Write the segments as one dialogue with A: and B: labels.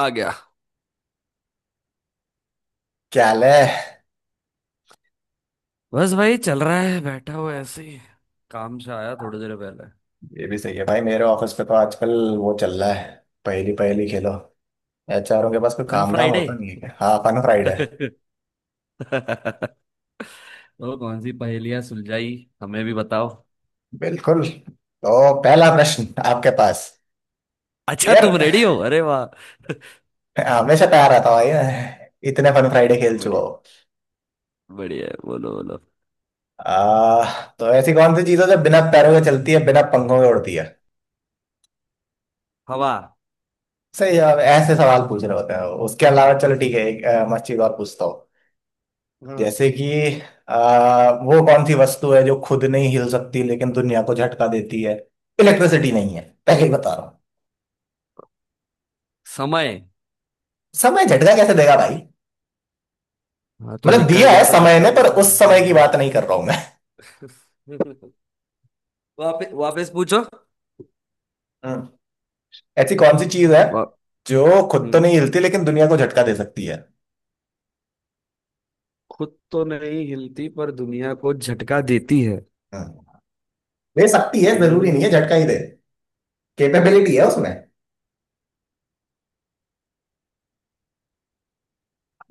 A: आ गया।
B: क्या हाल है।
A: बस भाई चल रहा है, बैठा हुआ ऐसे ही। काम से आया थोड़ी देर पहले।
B: ये भी सही है भाई, मेरे ऑफिस पे तो आजकल वो चल रहा है। पहली पहली खेलो। एचआरओ के पास कोई
A: ऑन
B: काम धाम
A: फ्राइडे।
B: होता नहीं है क्या? हाँ, फन फ्राइडे।
A: तो कौन सी पहेलियां सुलझाई, हमें भी बताओ।
B: बिल्कुल। तो पहला प्रश्न आपके पास
A: अच्छा
B: यार।
A: तुम रेडी हो? अरे वाह।
B: हमेशा तैयार रहता हूँ भाई मैं। इतने फन फ्राइडे खेल चुका
A: बढ़िया।
B: हो।
A: बढ़िया है, बोलो बोलो
B: आ, तो ऐसी कौन सी चीज है जो बिना पैरों के चलती है, बिना पंखों के उड़ती है?
A: हवा।
B: सही जवाब है। ऐसे सवाल पूछ रहे होते हैं। उसके अलावा चलो ठीक है, एक मस्त चीज और पूछता।
A: हाँ,
B: जैसे कि वो कौन सी वस्तु है जो खुद नहीं हिल सकती लेकिन दुनिया को झटका देती है? इलेक्ट्रिसिटी नहीं है, पहले ही बता रहा हूँ।
A: समय।
B: समय झटका कैसे देगा भाई?
A: हाँ तो
B: मतलब
A: निकल
B: दिया है
A: गया तो
B: समय
A: झटका
B: ने, पर
A: मिलता
B: उस समय की बात
A: है।
B: नहीं कर रहा हूं मैं।
A: वापस वापस पूछो।
B: हम्म, ऐसी कौन सी चीज है
A: वा,
B: जो खुद तो
A: हम्म,
B: नहीं हिलती लेकिन दुनिया को झटका दे सकती है?
A: खुद तो नहीं हिलती पर दुनिया को झटका देती है।
B: हम्म, दे सकती है, जरूरी नहीं है झटका
A: हम्म
B: ही दे। कैपेबिलिटी है उसमें।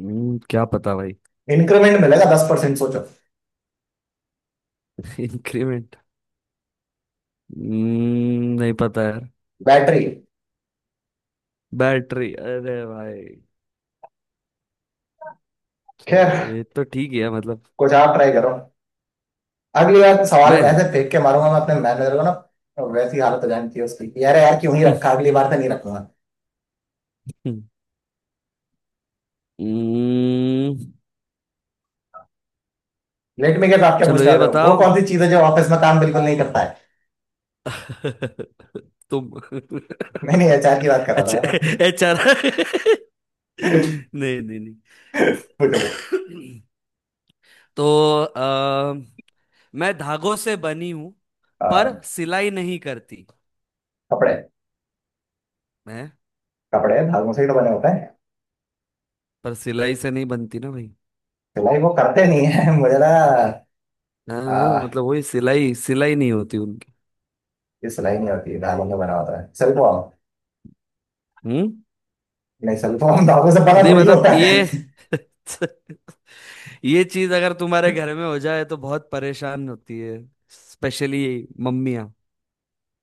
A: क्या पता भाई।
B: इंक्रीमेंट मिलेगा 10%, सोचो।
A: इंक्रीमेंट। नहीं पता यार।
B: बैटरी।
A: बैटरी? अरे भाई,
B: खैर,
A: चलो, ये तो ठीक ही है मतलब।
B: कुछ आप ट्राई करो। अगली बार तो सवाल
A: मैं।
B: ऐसे फेंक के मारूंगा मैं अपने मैनेजर को ना, तो वैसी हालत हो जानी चाहिए उसकी कि अरे यार क्यों ही रखा, अगली बार से नहीं रखूंगा।
A: हम्म,
B: लेट मी गेट। आप क्या
A: चलो
B: पूछने
A: ये
B: वाले हो? वो
A: बताओ।
B: कौन सी चीज है जो ऑफिस में काम बिल्कुल नहीं करता है।
A: तुम।
B: मैंने एचआर की बात करा था,
A: अच्छा।
B: है ना।
A: एचआर। नहीं नहीं नहीं।
B: पूछो पूछो।
A: तो आ, मैं धागों से बनी हूं,
B: आ,
A: पर सिलाई नहीं करती।
B: कपड़े।
A: मैं
B: कपड़े धागों से ही तो बने होते हैं।
A: पर सिलाई से नहीं बनती ना भाई।
B: सिलाई वो करते नहीं है मुझे ना।
A: हाँ हाँ,
B: आ,
A: मतलब वही सिलाई, सिलाई नहीं होती उनकी।
B: ये सिलाई नहीं होती, धागों से बना होता है सिल्कवॉर्म।
A: हम्म?
B: नहीं, सिल्कवॉर्म धागों से बना
A: नहीं
B: थोड़ी
A: मतलब
B: होता है
A: ये। ये चीज अगर तुम्हारे घर में हो जाए तो बहुत परेशान होती है, स्पेशली मम्मियाँ।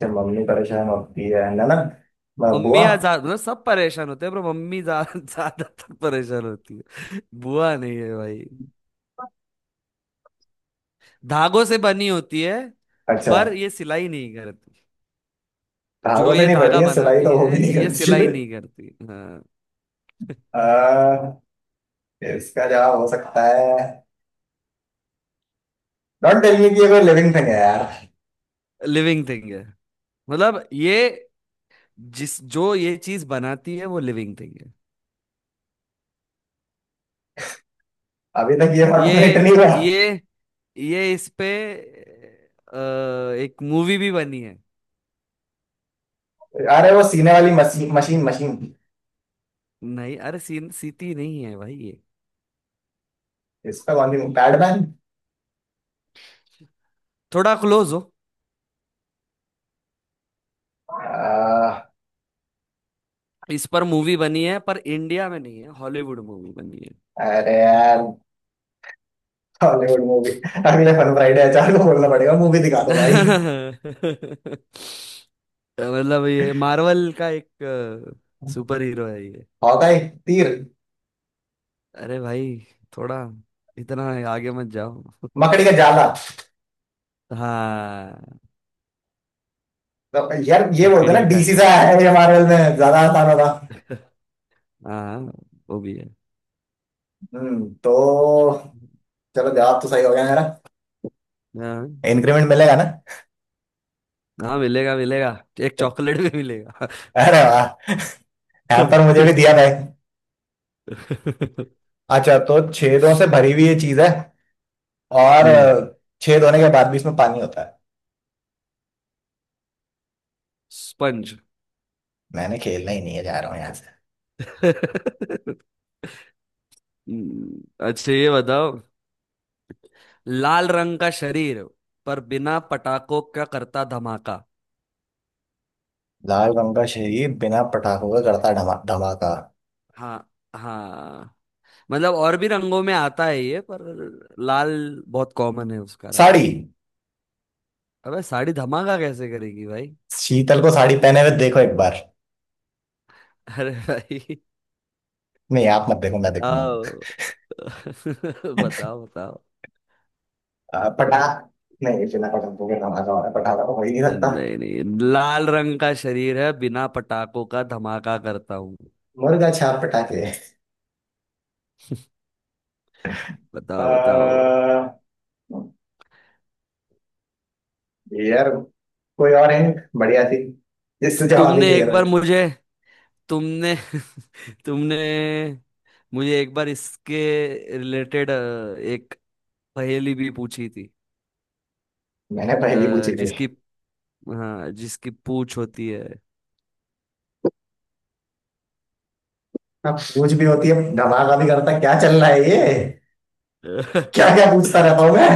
B: फिर मम्मी परेशान होती है ननद बुआ।
A: मम्मियाँ ज्यादा, मतलब सब परेशान होते हैं पर मम्मी ज्यादातर परेशान होती है। बुआ नहीं है भाई, धागों से बनी होती है
B: अच्छा।
A: पर ये सिलाई नहीं करती। जो
B: धागों से
A: ये
B: नहीं
A: धागा
B: बनी है सिलाई,
A: बनाती
B: तो वो भी
A: है
B: नहीं
A: ये
B: करती।
A: सिलाई नहीं करती। हाँ।
B: आ, इसका जवाब हो सकता है। डोंट टेल मी कि ये कोई लिविंग थिंग है यार।
A: लिविंग थिंग है। मतलब ये, जिस जो ये चीज बनाती है वो लिविंग थिंग है।
B: अभी तक ये ऑटोमेट
A: ये
B: नहीं हुआ।
A: ये ये इस पे अ, एक मूवी भी बनी है।
B: अरे वो सीने वाली मशीन मशीन मशीन।
A: नहीं अरे सीन सीटी नहीं है भाई ये।
B: इसका कौन सी? पैडमैन?
A: थोड़ा क्लोज हो। इस पर मूवी बनी है पर इंडिया में नहीं है, हॉलीवुड मूवी बनी है।
B: अरे यार, हॉलीवुड मूवी। अगले फन फ्राइडे अचार को बोलना पड़ेगा, मूवी दिखा दो भाई।
A: मतलब ये मार्वल का एक सुपर हीरो है ये।
B: हॉकाई, तीर।
A: अरे भाई, थोड़ा, इतना आगे मत जाओ।
B: मकड़ी का जाला।
A: हाँ,
B: तो यार, ये बोलते हैं ना,
A: मकड़ी का
B: डीसी से
A: जा
B: आया
A: रहा।
B: है ये, मार्वल में ज्यादा आसान होता।
A: हाँ वो भी है।
B: तो चलो, जवाब तो सही हो गया मेरा।
A: हाँ,
B: इंक्रीमेंट मिलेगा ना।
A: हाँ मिलेगा मिलेगा। एक चॉकलेट भी मिलेगा।
B: अरे वाह, हैम्पर मुझे भी दिया भाई। अच्छा, तो छेदों से भरी हुई ये चीज है और
A: हम्म।
B: छेद होने के बाद भी इसमें पानी होता है।
A: स्पंज।
B: मैंने खेलना ही नहीं है, जा रहा हूँ यहाँ से।
A: हम्म, अच्छा ये बताओ। लाल रंग का शरीर, पर बिना पटाखों का करता धमाका।
B: लाल रंग का शरीर बिना पटाखों का करता धमाका।
A: हाँ। हाँ, मतलब और भी रंगों में आता है ये, पर लाल बहुत कॉमन है उसका रंग।
B: साड़ी।
A: अबे साड़ी धमाका कैसे करेगी भाई।
B: शीतल को साड़ी पहने हुए देखो एक बार।
A: अरे भाई,
B: नहीं, आप मत देखो, मैं देखूंगा।
A: बताओ। बताओ बताओ
B: अ, पटाख नहीं, बिना पटाखों के धमाका हो रहा है, पटाखा तो हो ही नहीं सकता।
A: नहीं नहीं, लाल रंग का शरीर है, बिना पटाखों का धमाका करता हूँ।
B: मुर्गा छाप पटाखे। अ,
A: बताओ बताओ
B: यार, कोई और है बढ़िया सी, जिससे जवाब भी
A: तुमने
B: क्लियर
A: एक
B: हो
A: बार
B: जाए।
A: मुझे तुमने तुमने मुझे एक बार इसके रिलेटेड एक पहेली भी पूछी थी।
B: मैंने पहली पूछी थी।
A: जिसकी, हाँ जिसकी पूछ होती है।
B: हाँ, पूछ भी होती है धमाका भी करता है, क्या चल रहा है ये, क्या क्या पूछता रहता हूँ मैं।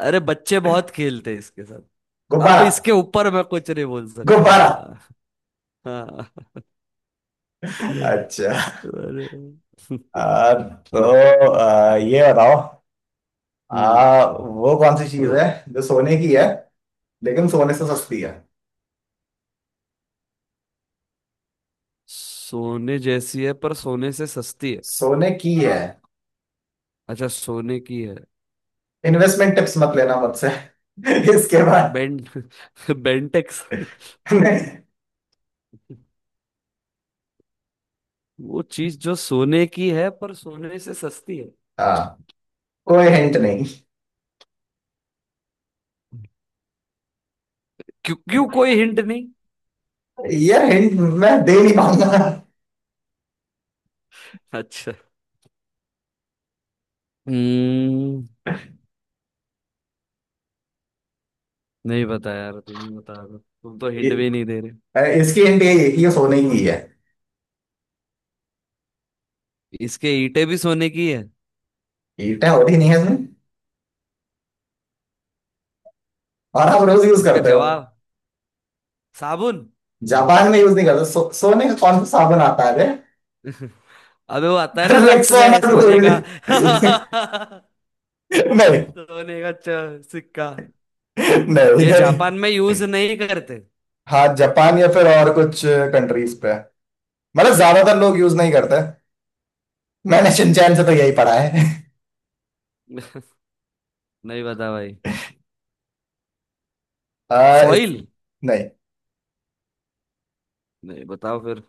A: अरे बच्चे बहुत खेलते हैं इसके साथ। अब
B: गुब्बारा।
A: इसके ऊपर मैं कुछ नहीं बोल सकता।
B: गुब्बारा।
A: हाँ। हाँ।
B: अच्छा।
A: अरे।
B: तो ये बताओ।
A: हम्म।
B: वो कौन सी चीज है जो सोने की है लेकिन सोने से सस्ती है?
A: सोने जैसी है पर सोने से सस्ती है?
B: सोने की है।
A: अच्छा सोने की है।
B: इन्वेस्टमेंट टिप्स मत लेना मुझसे इसके बाद।
A: बेंट। बेंटेक्स।
B: नहीं।
A: वो चीज जो सोने की है पर सोने से सस्ती है।
B: हाँ, कोई हिंट नहीं।
A: क्यों क्यों कोई हिंट नहीं?
B: यार हिंट मैं दे नहीं पाऊंगा।
A: अच्छा। हम्म। नहीं बता यार, तुम ही बता दो, तुम तो
B: इ-
A: हिंट भी नहीं दे रहे।
B: इसकी हिंट यही है कि ये सोने की है।
A: इसके ईंटें भी सोने की है?
B: ईंटें होती नहीं है इसमें। और आप रोज यूज
A: इसका
B: करते हो।
A: जवाब साबुन। नहीं।
B: जापान में यूज नहीं करते, सोने का कौन सा साबुन आता है रे?
A: अबे वो आता है ना लक्स
B: रेक्साना
A: में सोने का।
B: गोल्ड नहीं
A: सोने का सिक्का।
B: नहीं
A: ये
B: नहीं।
A: जापान में यूज नहीं करते?
B: हाँ, जापान या फिर और कुछ कंट्रीज पे, मतलब ज्यादातर लोग यूज नहीं करते। मैंने शिनचैन से तो यही पढ़ा है
A: नहीं बता भाई।
B: आ, इस,
A: फॉइल।
B: नहीं।
A: नहीं बताओ फिर।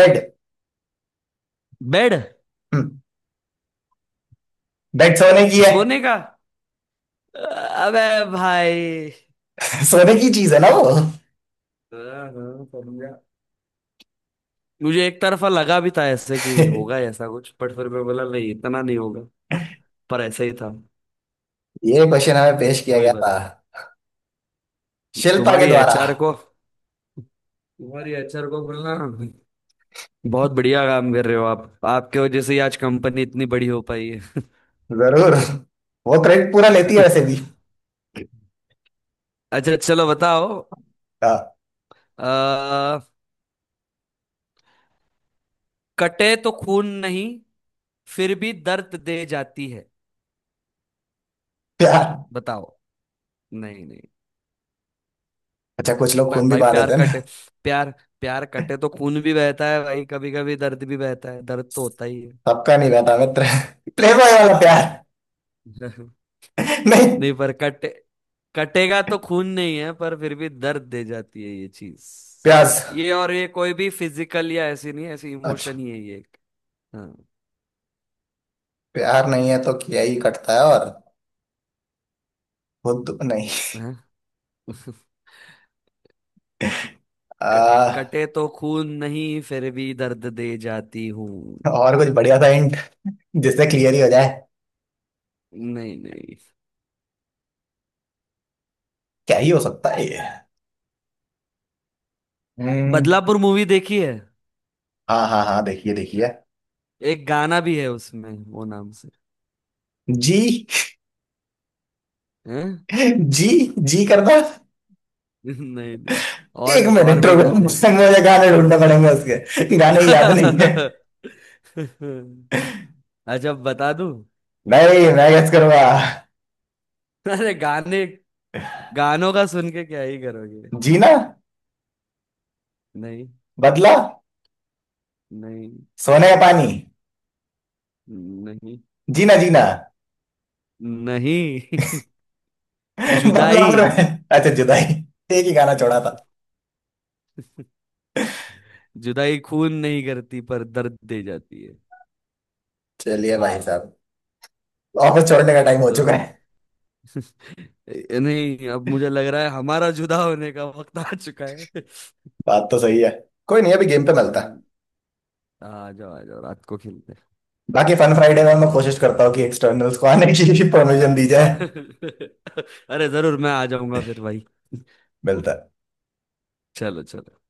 B: बेड।
A: बेड?
B: हम्म, बेड सोने की है।
A: सोने का। अबे भाई।
B: सोने की चीज है ना वो
A: हाँ, हाँ, समझा। मुझे एक तरफा लगा भी था ऐसे कि होगा ऐसा कुछ, बट फिर मैं बोला नहीं इतना नहीं होगा। पर ऐसा ही था।
B: ये क्वेश्चन हमें पेश किया
A: वही
B: गया था
A: बात।
B: शिल्पा के
A: तुम्हारी
B: द्वारा।
A: एचआर को, तुम्हारी एचआर को बोलना, बहुत बढ़िया काम कर रहे हो आप, आपके वजह से ही आज कंपनी इतनी बड़ी हो पाई है।
B: जरूर। वो क्रेडिट पूरा लेती है वैसे भी।
A: अच्छा चलो बताओ।
B: हाँ,
A: कटे तो खून नहीं, फिर भी दर्द दे जाती है।
B: प्यार।
A: बताओ। नहीं नहीं।
B: अच्छा, कुछ लोग खून भी
A: भाई
B: बहा
A: प्यार
B: देते हैं ना।
A: कटे, प्यार, प्यार कटे तो खून भी बहता है भाई, कभी कभी दर्द भी बहता है, दर्द तो होता ही है।
B: सबका नहीं रहता मित्र प्लेबॉय वाला प्यार नहीं,
A: नहीं पर कटे, कटेगा तो खून नहीं है, पर फिर भी दर्द दे जाती है ये चीज।
B: प्यास।
A: ये, और ये कोई भी फिजिकल या ऐसी नहीं है, ऐसी इमोशन
B: अच्छा,
A: ही है ये एक। हाँ।
B: प्यार नहीं है तो किया ही कटता है, और खुद तो नहीं।
A: हैं?
B: आ,
A: कटे तो खून नहीं, फिर भी दर्द दे जाती हूँ।
B: और कुछ बढ़िया सा हिंट, जिससे क्लियर ही हो जाए।
A: नहीं नहीं।
B: क्या ही हो सकता है ये। हम्म।
A: बदलापुर मूवी देखी है?
B: हाँ हाँ हाँ, देखिए देखिए।
A: एक गाना भी है उसमें वो नाम से।
B: जी।
A: हैं?
B: जी। जी करना।
A: नहीं नहीं।
B: एक
A: और और
B: मिनट
A: भी
B: रुको,
A: गाने हैं।
B: मुझे मुझे गाने ढूंढने पड़ेंगे, उसके गाने याद नहीं है।
A: अच्छा बता दूं।
B: नहीं, मैं गेस करूंगा।
A: अरे गाने, गानों का सुन के क्या ही करोगे।
B: जीना।
A: नहीं।
B: बदला।
A: नहीं।
B: सोने का पानी।
A: नहीं।
B: जीना जीना।
A: नहीं।
B: बदला
A: जुदाई।
B: पूरा है। अच्छा, जुदाई। एक ही गाना छोड़ा था।
A: जुदाई खून नहीं करती पर दर्द दे जाती है।
B: चलिए भाई साहब, ऑफिस छोड़ने का टाइम हो
A: तो
B: चुका है।
A: नहीं, अब मुझे लग रहा है हमारा जुदा होने का वक्त आ चुका
B: बात तो सही है। कोई नहीं, अभी गेम पे
A: है।
B: मिलता है।
A: आ जाओ आ जाओ, रात को खेलते हैं।
B: बाकी फन फ्राइडे में मैं कोशिश करता हूँ कि एक्सटर्नल्स को आने की परमिशन दी जाए।
A: अरे जरूर, मैं आ जाऊंगा फिर भाई।
B: मिलता है।
A: चलो चलो।